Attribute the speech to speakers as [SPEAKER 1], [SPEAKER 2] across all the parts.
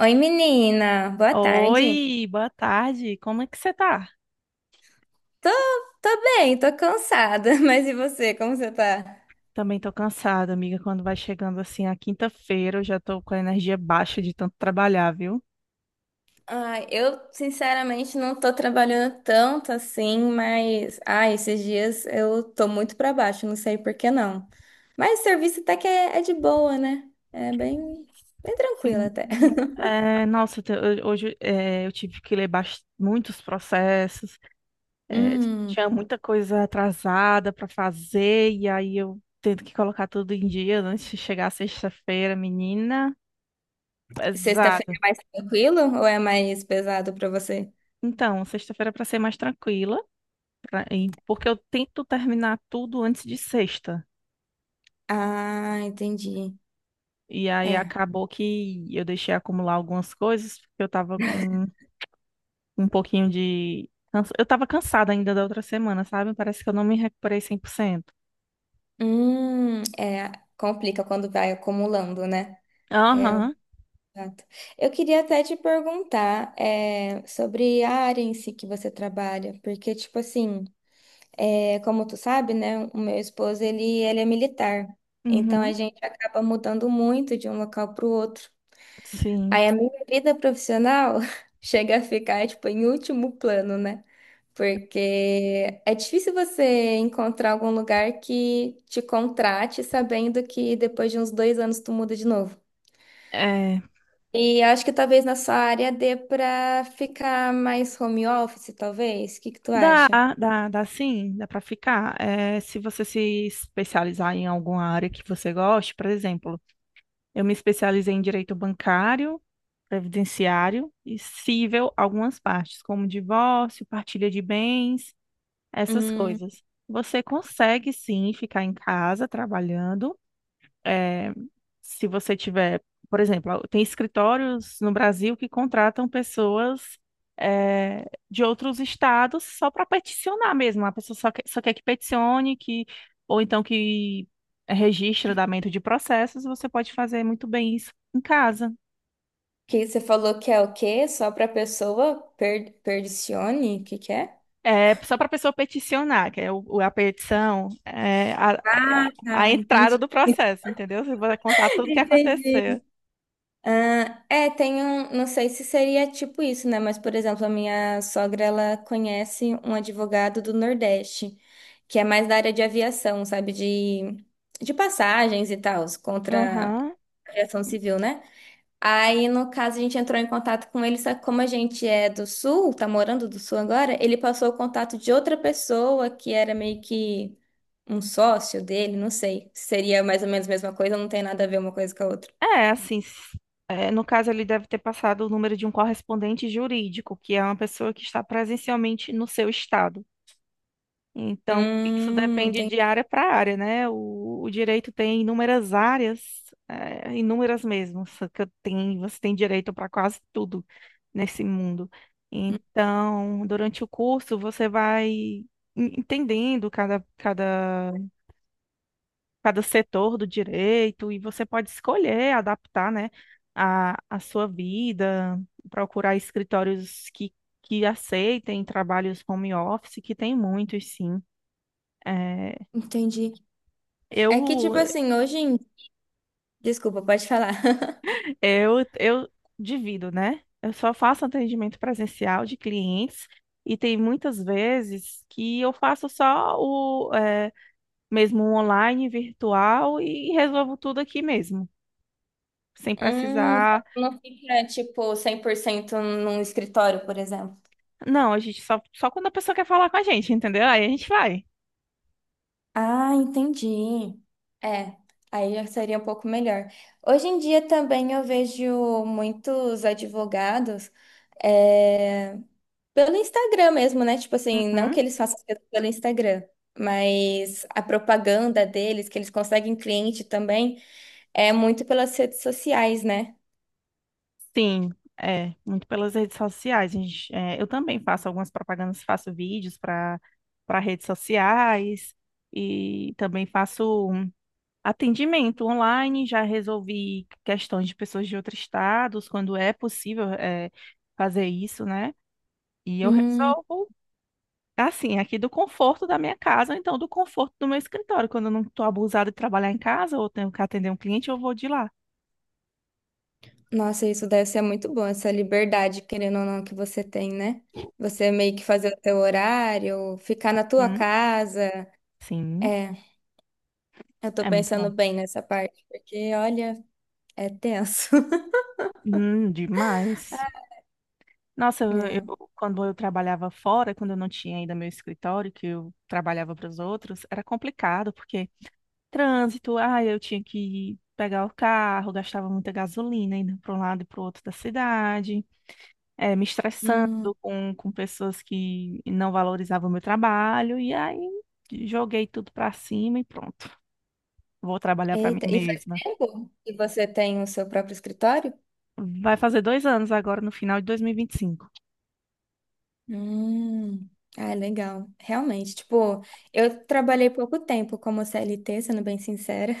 [SPEAKER 1] Oi, menina, boa tarde.
[SPEAKER 2] Oi, boa tarde. Como é que você tá?
[SPEAKER 1] Tô, tô bem, tô cansada, mas e você, como você tá?
[SPEAKER 2] Também tô cansada, amiga. Quando vai chegando assim a quinta-feira, eu já tô com a energia baixa de tanto trabalhar, viu?
[SPEAKER 1] Ai, eu sinceramente não tô trabalhando tanto assim, mas ai, esses dias eu tô muito pra baixo, não sei por que não. Mas serviço até que é de boa, né? É bem tranquilo
[SPEAKER 2] Sim.
[SPEAKER 1] até.
[SPEAKER 2] Hoje eu tive que ler muitos processos, é,
[SPEAKER 1] Hum,
[SPEAKER 2] tinha muita coisa atrasada para fazer, e aí eu tendo que colocar tudo em dia antes de chegar a sexta-feira, menina,
[SPEAKER 1] sexta-feira
[SPEAKER 2] pesada.
[SPEAKER 1] é mais tranquilo ou é mais pesado pra você?
[SPEAKER 2] Então, sexta-feira é para ser mais tranquila, porque eu tento terminar tudo antes de sexta.
[SPEAKER 1] Ah, entendi.
[SPEAKER 2] E aí
[SPEAKER 1] É.
[SPEAKER 2] acabou que eu deixei acumular algumas coisas, porque eu tava com um pouquinho Eu tava cansada ainda da outra semana, sabe? Parece que eu não me recuperei 100%.
[SPEAKER 1] É, complica quando vai acumulando, né? É,
[SPEAKER 2] Aham,
[SPEAKER 1] exato. Eu queria até te perguntar sobre a área em si que você trabalha, porque, tipo assim, é, como tu sabe, né, o meu esposo, ele é militar, então
[SPEAKER 2] uhum,
[SPEAKER 1] a gente acaba mudando muito de um local para o outro.
[SPEAKER 2] sim.
[SPEAKER 1] Aí a minha vida profissional chega a ficar, tipo, em último plano, né? Porque é difícil você encontrar algum lugar que te contrate sabendo que depois de uns dois anos tu muda de novo.
[SPEAKER 2] É,
[SPEAKER 1] E acho que talvez na sua área dê para ficar mais home office, talvez. O que que tu
[SPEAKER 2] dá,
[SPEAKER 1] acha?
[SPEAKER 2] Dá sim, dá pra ficar. É, se você se especializar em alguma área que você goste, por exemplo, eu me especializei em direito bancário, previdenciário e cível, algumas partes, como divórcio, partilha de bens, essas
[SPEAKER 1] Hum,
[SPEAKER 2] coisas. Você consegue sim ficar em casa trabalhando. eh, Se você tiver, por exemplo, tem escritórios no Brasil que contratam pessoas, de outros estados, só para peticionar mesmo. A pessoa só quer que peticione, ou então que registre o andamento de processos. Você pode fazer muito bem isso em casa.
[SPEAKER 1] Que você falou que é o quê? Só para pessoa perdicione? O que que é?
[SPEAKER 2] É só para a pessoa peticionar, que é a petição, é é a
[SPEAKER 1] Ah,
[SPEAKER 2] entrada
[SPEAKER 1] entendi.
[SPEAKER 2] do processo, entendeu? Você vai contar tudo o que
[SPEAKER 1] Entendi.
[SPEAKER 2] aconteceu.
[SPEAKER 1] Ah, é, tem um, não sei se seria tipo isso, né? Mas, por exemplo, a minha sogra, ela conhece um advogado do Nordeste, que é mais da área de aviação, sabe? De passagens e tal, contra
[SPEAKER 2] Aham.
[SPEAKER 1] a aviação civil, né? Aí, no caso, a gente entrou em contato com ele, só que como a gente é do sul, tá morando do sul agora, ele passou o contato de outra pessoa que era meio que um sócio dele, não sei. Se Seria mais ou menos a mesma coisa, não tem nada a ver uma coisa com a outra.
[SPEAKER 2] É, assim, s- no caso, ele deve ter passado o número de um correspondente jurídico, que é uma pessoa que está presencialmente no seu estado. Então, isso
[SPEAKER 1] Hum,
[SPEAKER 2] depende
[SPEAKER 1] enten-
[SPEAKER 2] de área para área, né? O direito tem inúmeras áreas, é, inúmeras mesmo. Só que tem, você tem direito para quase tudo nesse mundo. Então, durante o curso, você vai entendendo cada setor do direito, e você pode escolher adaptar, né, a sua vida, procurar escritórios que aceitem trabalhos home office, que tem muitos, sim. Eh,
[SPEAKER 1] entendi. É que,
[SPEAKER 2] Eu,
[SPEAKER 1] tipo assim, hoje em... Desculpa, pode falar.
[SPEAKER 2] eu divido, né? Eu só faço atendimento presencial de clientes, e tem muitas vezes que eu faço só o mesmo um online, virtual, e resolvo tudo aqui mesmo, sem precisar.
[SPEAKER 1] Então não fica, tipo, 100% num escritório, por exemplo.
[SPEAKER 2] Não, a gente só quando a pessoa quer falar com a gente, entendeu? Aí a gente vai.
[SPEAKER 1] Ah, entendi. É, aí já seria um pouco melhor. Hoje em dia também eu vejo muitos advogados é, pelo Instagram mesmo, né? Tipo assim, não
[SPEAKER 2] Uhum.
[SPEAKER 1] que eles façam coisas pelo Instagram, mas a propaganda deles, que eles conseguem cliente também, é muito pelas redes sociais, né?
[SPEAKER 2] Sim, é, muito pelas redes sociais. A gente, é, eu também faço algumas propagandas, faço vídeos para redes sociais, e também faço atendimento online. Já resolvi questões de pessoas de outros estados, quando é possível, fazer isso, né? E eu
[SPEAKER 1] Hum,
[SPEAKER 2] resolvo, assim, aqui do conforto da minha casa, ou então do conforto do meu escritório. Quando eu não estou abusada de trabalhar em casa ou tenho que atender um cliente, eu vou de lá.
[SPEAKER 1] nossa, isso deve ser muito bom, essa liberdade, querendo ou não, que você tem, né? Você meio que fazer o teu horário, ficar na tua
[SPEAKER 2] Hum,
[SPEAKER 1] casa.
[SPEAKER 2] sim,
[SPEAKER 1] É. Eu tô
[SPEAKER 2] é muito
[SPEAKER 1] pensando
[SPEAKER 2] bom.
[SPEAKER 1] bem nessa parte, porque olha, é tenso.
[SPEAKER 2] Demais.
[SPEAKER 1] É.
[SPEAKER 2] Quando eu trabalhava fora, quando eu não tinha ainda meu escritório, que eu trabalhava para os outros, era complicado, porque trânsito, ah, eu tinha que pegar o carro, gastava muita gasolina indo para um lado e para o outro da cidade, me estressando
[SPEAKER 1] Hum.
[SPEAKER 2] com pessoas que não valorizavam o meu trabalho, e aí joguei tudo para cima e pronto, vou trabalhar para mim
[SPEAKER 1] Eita, e faz
[SPEAKER 2] mesma.
[SPEAKER 1] tempo que você tem o seu próprio escritório?
[SPEAKER 2] Vai fazer 2 anos agora, no final de 2025.
[SPEAKER 1] Hum. Ah, legal. Realmente, tipo, eu trabalhei pouco tempo como CLT, sendo bem sincera,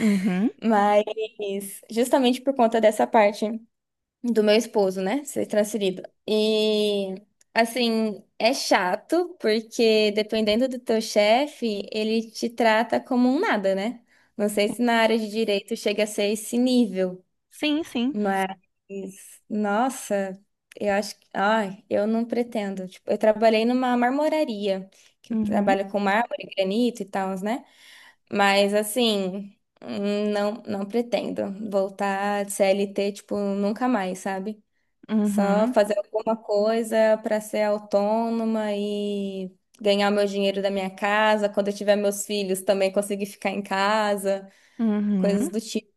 [SPEAKER 2] Uhum.
[SPEAKER 1] mas justamente por conta dessa parte. Do meu esposo, né? Ser transferido. E assim, é chato, porque dependendo do teu chefe, ele te trata como um nada, né? Não sei se na área de direito chega a ser esse nível,
[SPEAKER 2] Sim, sim.
[SPEAKER 1] mas nossa, eu acho que, ai, eu não pretendo. Tipo, eu trabalhei numa marmoraria, que
[SPEAKER 2] Uhum.
[SPEAKER 1] trabalha com mármore, granito e tal, né? Mas assim, não pretendo voltar de CLT, tipo, nunca mais, sabe? Só
[SPEAKER 2] Uhum.
[SPEAKER 1] fazer alguma coisa para ser autônoma e ganhar meu dinheiro da minha casa. Quando eu tiver meus filhos, também conseguir ficar em casa.
[SPEAKER 2] Uhum.
[SPEAKER 1] Coisas do tipo.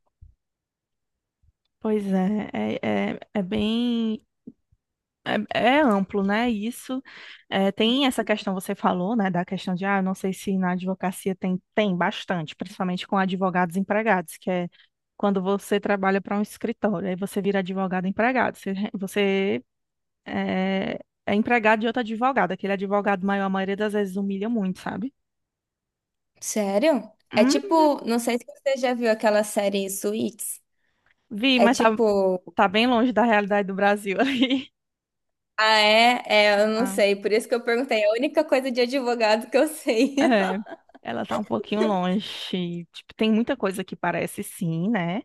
[SPEAKER 2] Pois é bem. É, é amplo, né? Isso É, tem essa questão, você falou, né, da questão de, ah, eu não sei se na advocacia tem, tem bastante, principalmente com advogados empregados, que é quando você trabalha para um escritório, aí você vira advogado empregado, você é, é empregado de outro advogado, aquele advogado maior, a maioria das vezes humilha muito, sabe?
[SPEAKER 1] Sério? É
[SPEAKER 2] Hum,
[SPEAKER 1] tipo, não sei se você já viu aquela série Suits.
[SPEAKER 2] vi,
[SPEAKER 1] É tipo,
[SPEAKER 2] tá bem longe da realidade do Brasil ali.
[SPEAKER 1] ah, é? É, eu não
[SPEAKER 2] Ah,
[SPEAKER 1] sei. Por isso que eu perguntei. É a única coisa de advogado que eu sei.
[SPEAKER 2] é, ela tá um pouquinho longe. Tipo, tem muita coisa que parece sim, né?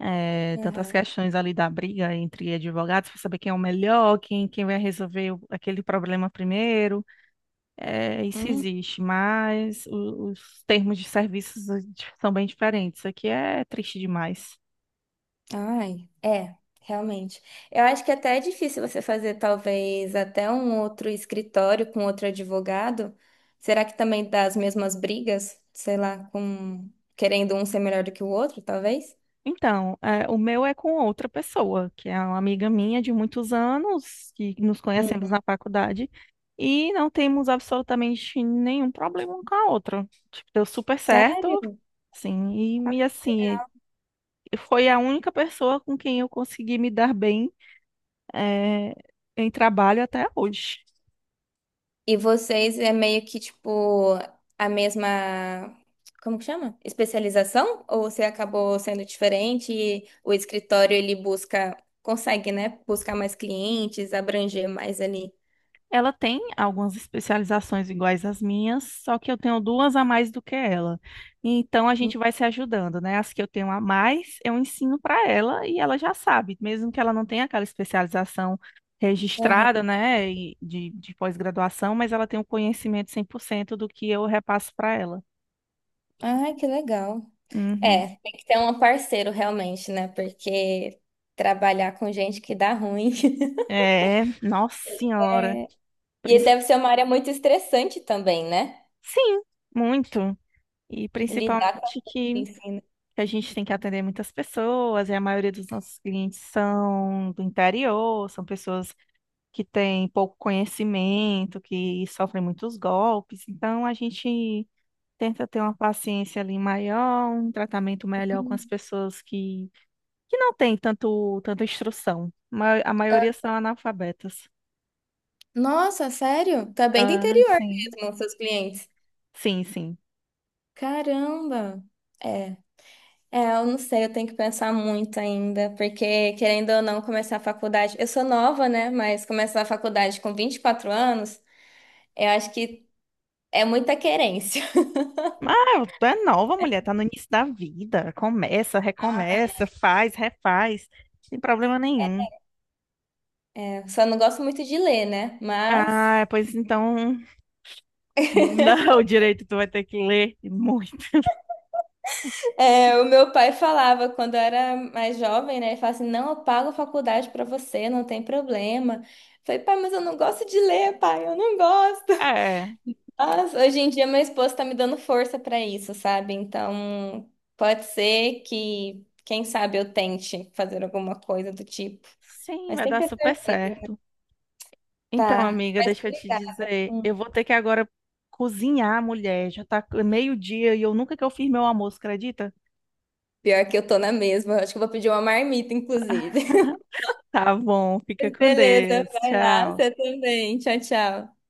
[SPEAKER 2] Tantas
[SPEAKER 1] Aham.
[SPEAKER 2] questões ali da briga entre advogados para saber quem é o melhor, quem vai resolver aquele problema primeiro. Isso
[SPEAKER 1] Hum,
[SPEAKER 2] existe, mas os termos de serviços são bem diferentes. Isso aqui é triste demais.
[SPEAKER 1] ai, é, realmente. Eu acho que até é difícil você fazer, talvez, até um outro escritório com outro advogado. Será que também dá as mesmas brigas? Sei lá, com querendo um ser melhor do que o outro, talvez?
[SPEAKER 2] Então, o meu é com outra pessoa, que é uma amiga minha de muitos anos, que nos conhecemos
[SPEAKER 1] Hum.
[SPEAKER 2] na faculdade. E não temos absolutamente nenhum problema um com a outra. Tipo, deu super
[SPEAKER 1] Sério?
[SPEAKER 2] certo, sim, e assim, foi a única pessoa com quem eu consegui me dar bem, eh, em trabalho até hoje.
[SPEAKER 1] E vocês é meio que tipo a mesma, como que chama? Especialização? Ou você acabou sendo diferente e o escritório ele busca, consegue, né? Buscar mais clientes, abranger mais ali.
[SPEAKER 2] Ela tem algumas especializações iguais às minhas, só que eu tenho duas a mais do que ela. Então a gente vai se ajudando, né? As que eu tenho a mais, eu ensino para ela, e ela já sabe, mesmo que ela não tenha aquela especialização
[SPEAKER 1] Hum,
[SPEAKER 2] registrada, né, e de pós-graduação, mas ela tem o conhecimento 100% do que eu repasso para ela.
[SPEAKER 1] Ai, que legal. É,
[SPEAKER 2] Uhum.
[SPEAKER 1] tem que ter um parceiro realmente, né? Porque trabalhar com gente que dá ruim.
[SPEAKER 2] É, nossa senhora.
[SPEAKER 1] É, e deve ser uma área muito estressante também, né?
[SPEAKER 2] Sim, muito. E
[SPEAKER 1] Lidar
[SPEAKER 2] principalmente
[SPEAKER 1] com
[SPEAKER 2] que
[SPEAKER 1] ensino.
[SPEAKER 2] a gente tem que atender muitas pessoas, e a maioria dos nossos clientes são do interior, são pessoas que têm pouco conhecimento, que sofrem muitos golpes. Então a gente tenta ter uma paciência ali maior, um tratamento melhor com as pessoas que não têm tanto, tanta instrução. A maioria são analfabetas.
[SPEAKER 1] Nossa, sério? Tá bem do
[SPEAKER 2] Ah,
[SPEAKER 1] interior
[SPEAKER 2] sim.
[SPEAKER 1] mesmo, seus clientes.
[SPEAKER 2] Sim, sim.
[SPEAKER 1] Caramba! É. É, eu não sei, eu tenho que pensar muito ainda, porque querendo ou não começar a faculdade, eu sou nova, né? Mas começar a faculdade com 24 anos, eu acho que é muita querência.
[SPEAKER 2] Ah, tu é nova, mulher, tá no início da vida. Começa, recomeça, faz, refaz. Sem problema nenhum.
[SPEAKER 1] Só não gosto muito de ler, né?
[SPEAKER 2] Ah,
[SPEAKER 1] Mas
[SPEAKER 2] pois então. Não, direito, tu vai ter que ler muito.
[SPEAKER 1] é, o meu pai falava quando eu era mais jovem, né? Ele falava assim: não, eu pago a faculdade pra você, não tem problema. Eu falei, pai, mas eu não gosto de ler, pai, eu não gosto.
[SPEAKER 2] É,
[SPEAKER 1] Mas hoje em dia meu esposo tá me dando força pra isso, sabe? Então pode ser que, quem sabe, eu tente fazer alguma coisa do tipo.
[SPEAKER 2] sim,
[SPEAKER 1] Mas
[SPEAKER 2] vai
[SPEAKER 1] tem que
[SPEAKER 2] dar super certo. Então,
[SPEAKER 1] acertar.
[SPEAKER 2] amiga,
[SPEAKER 1] Mas
[SPEAKER 2] deixa eu te
[SPEAKER 1] obrigada.
[SPEAKER 2] dizer, eu
[SPEAKER 1] Hum.
[SPEAKER 2] vou ter que agora cozinhar, mulher. Já tá meio-dia e eu nunca que eu fiz meu almoço, acredita?
[SPEAKER 1] Pior que eu tô na mesma. Eu acho que eu vou pedir uma marmita, inclusive.
[SPEAKER 2] Tá bom, fica com
[SPEAKER 1] Beleza,
[SPEAKER 2] Deus.
[SPEAKER 1] vai lá, você
[SPEAKER 2] Tchau.
[SPEAKER 1] também. Tchau, tchau.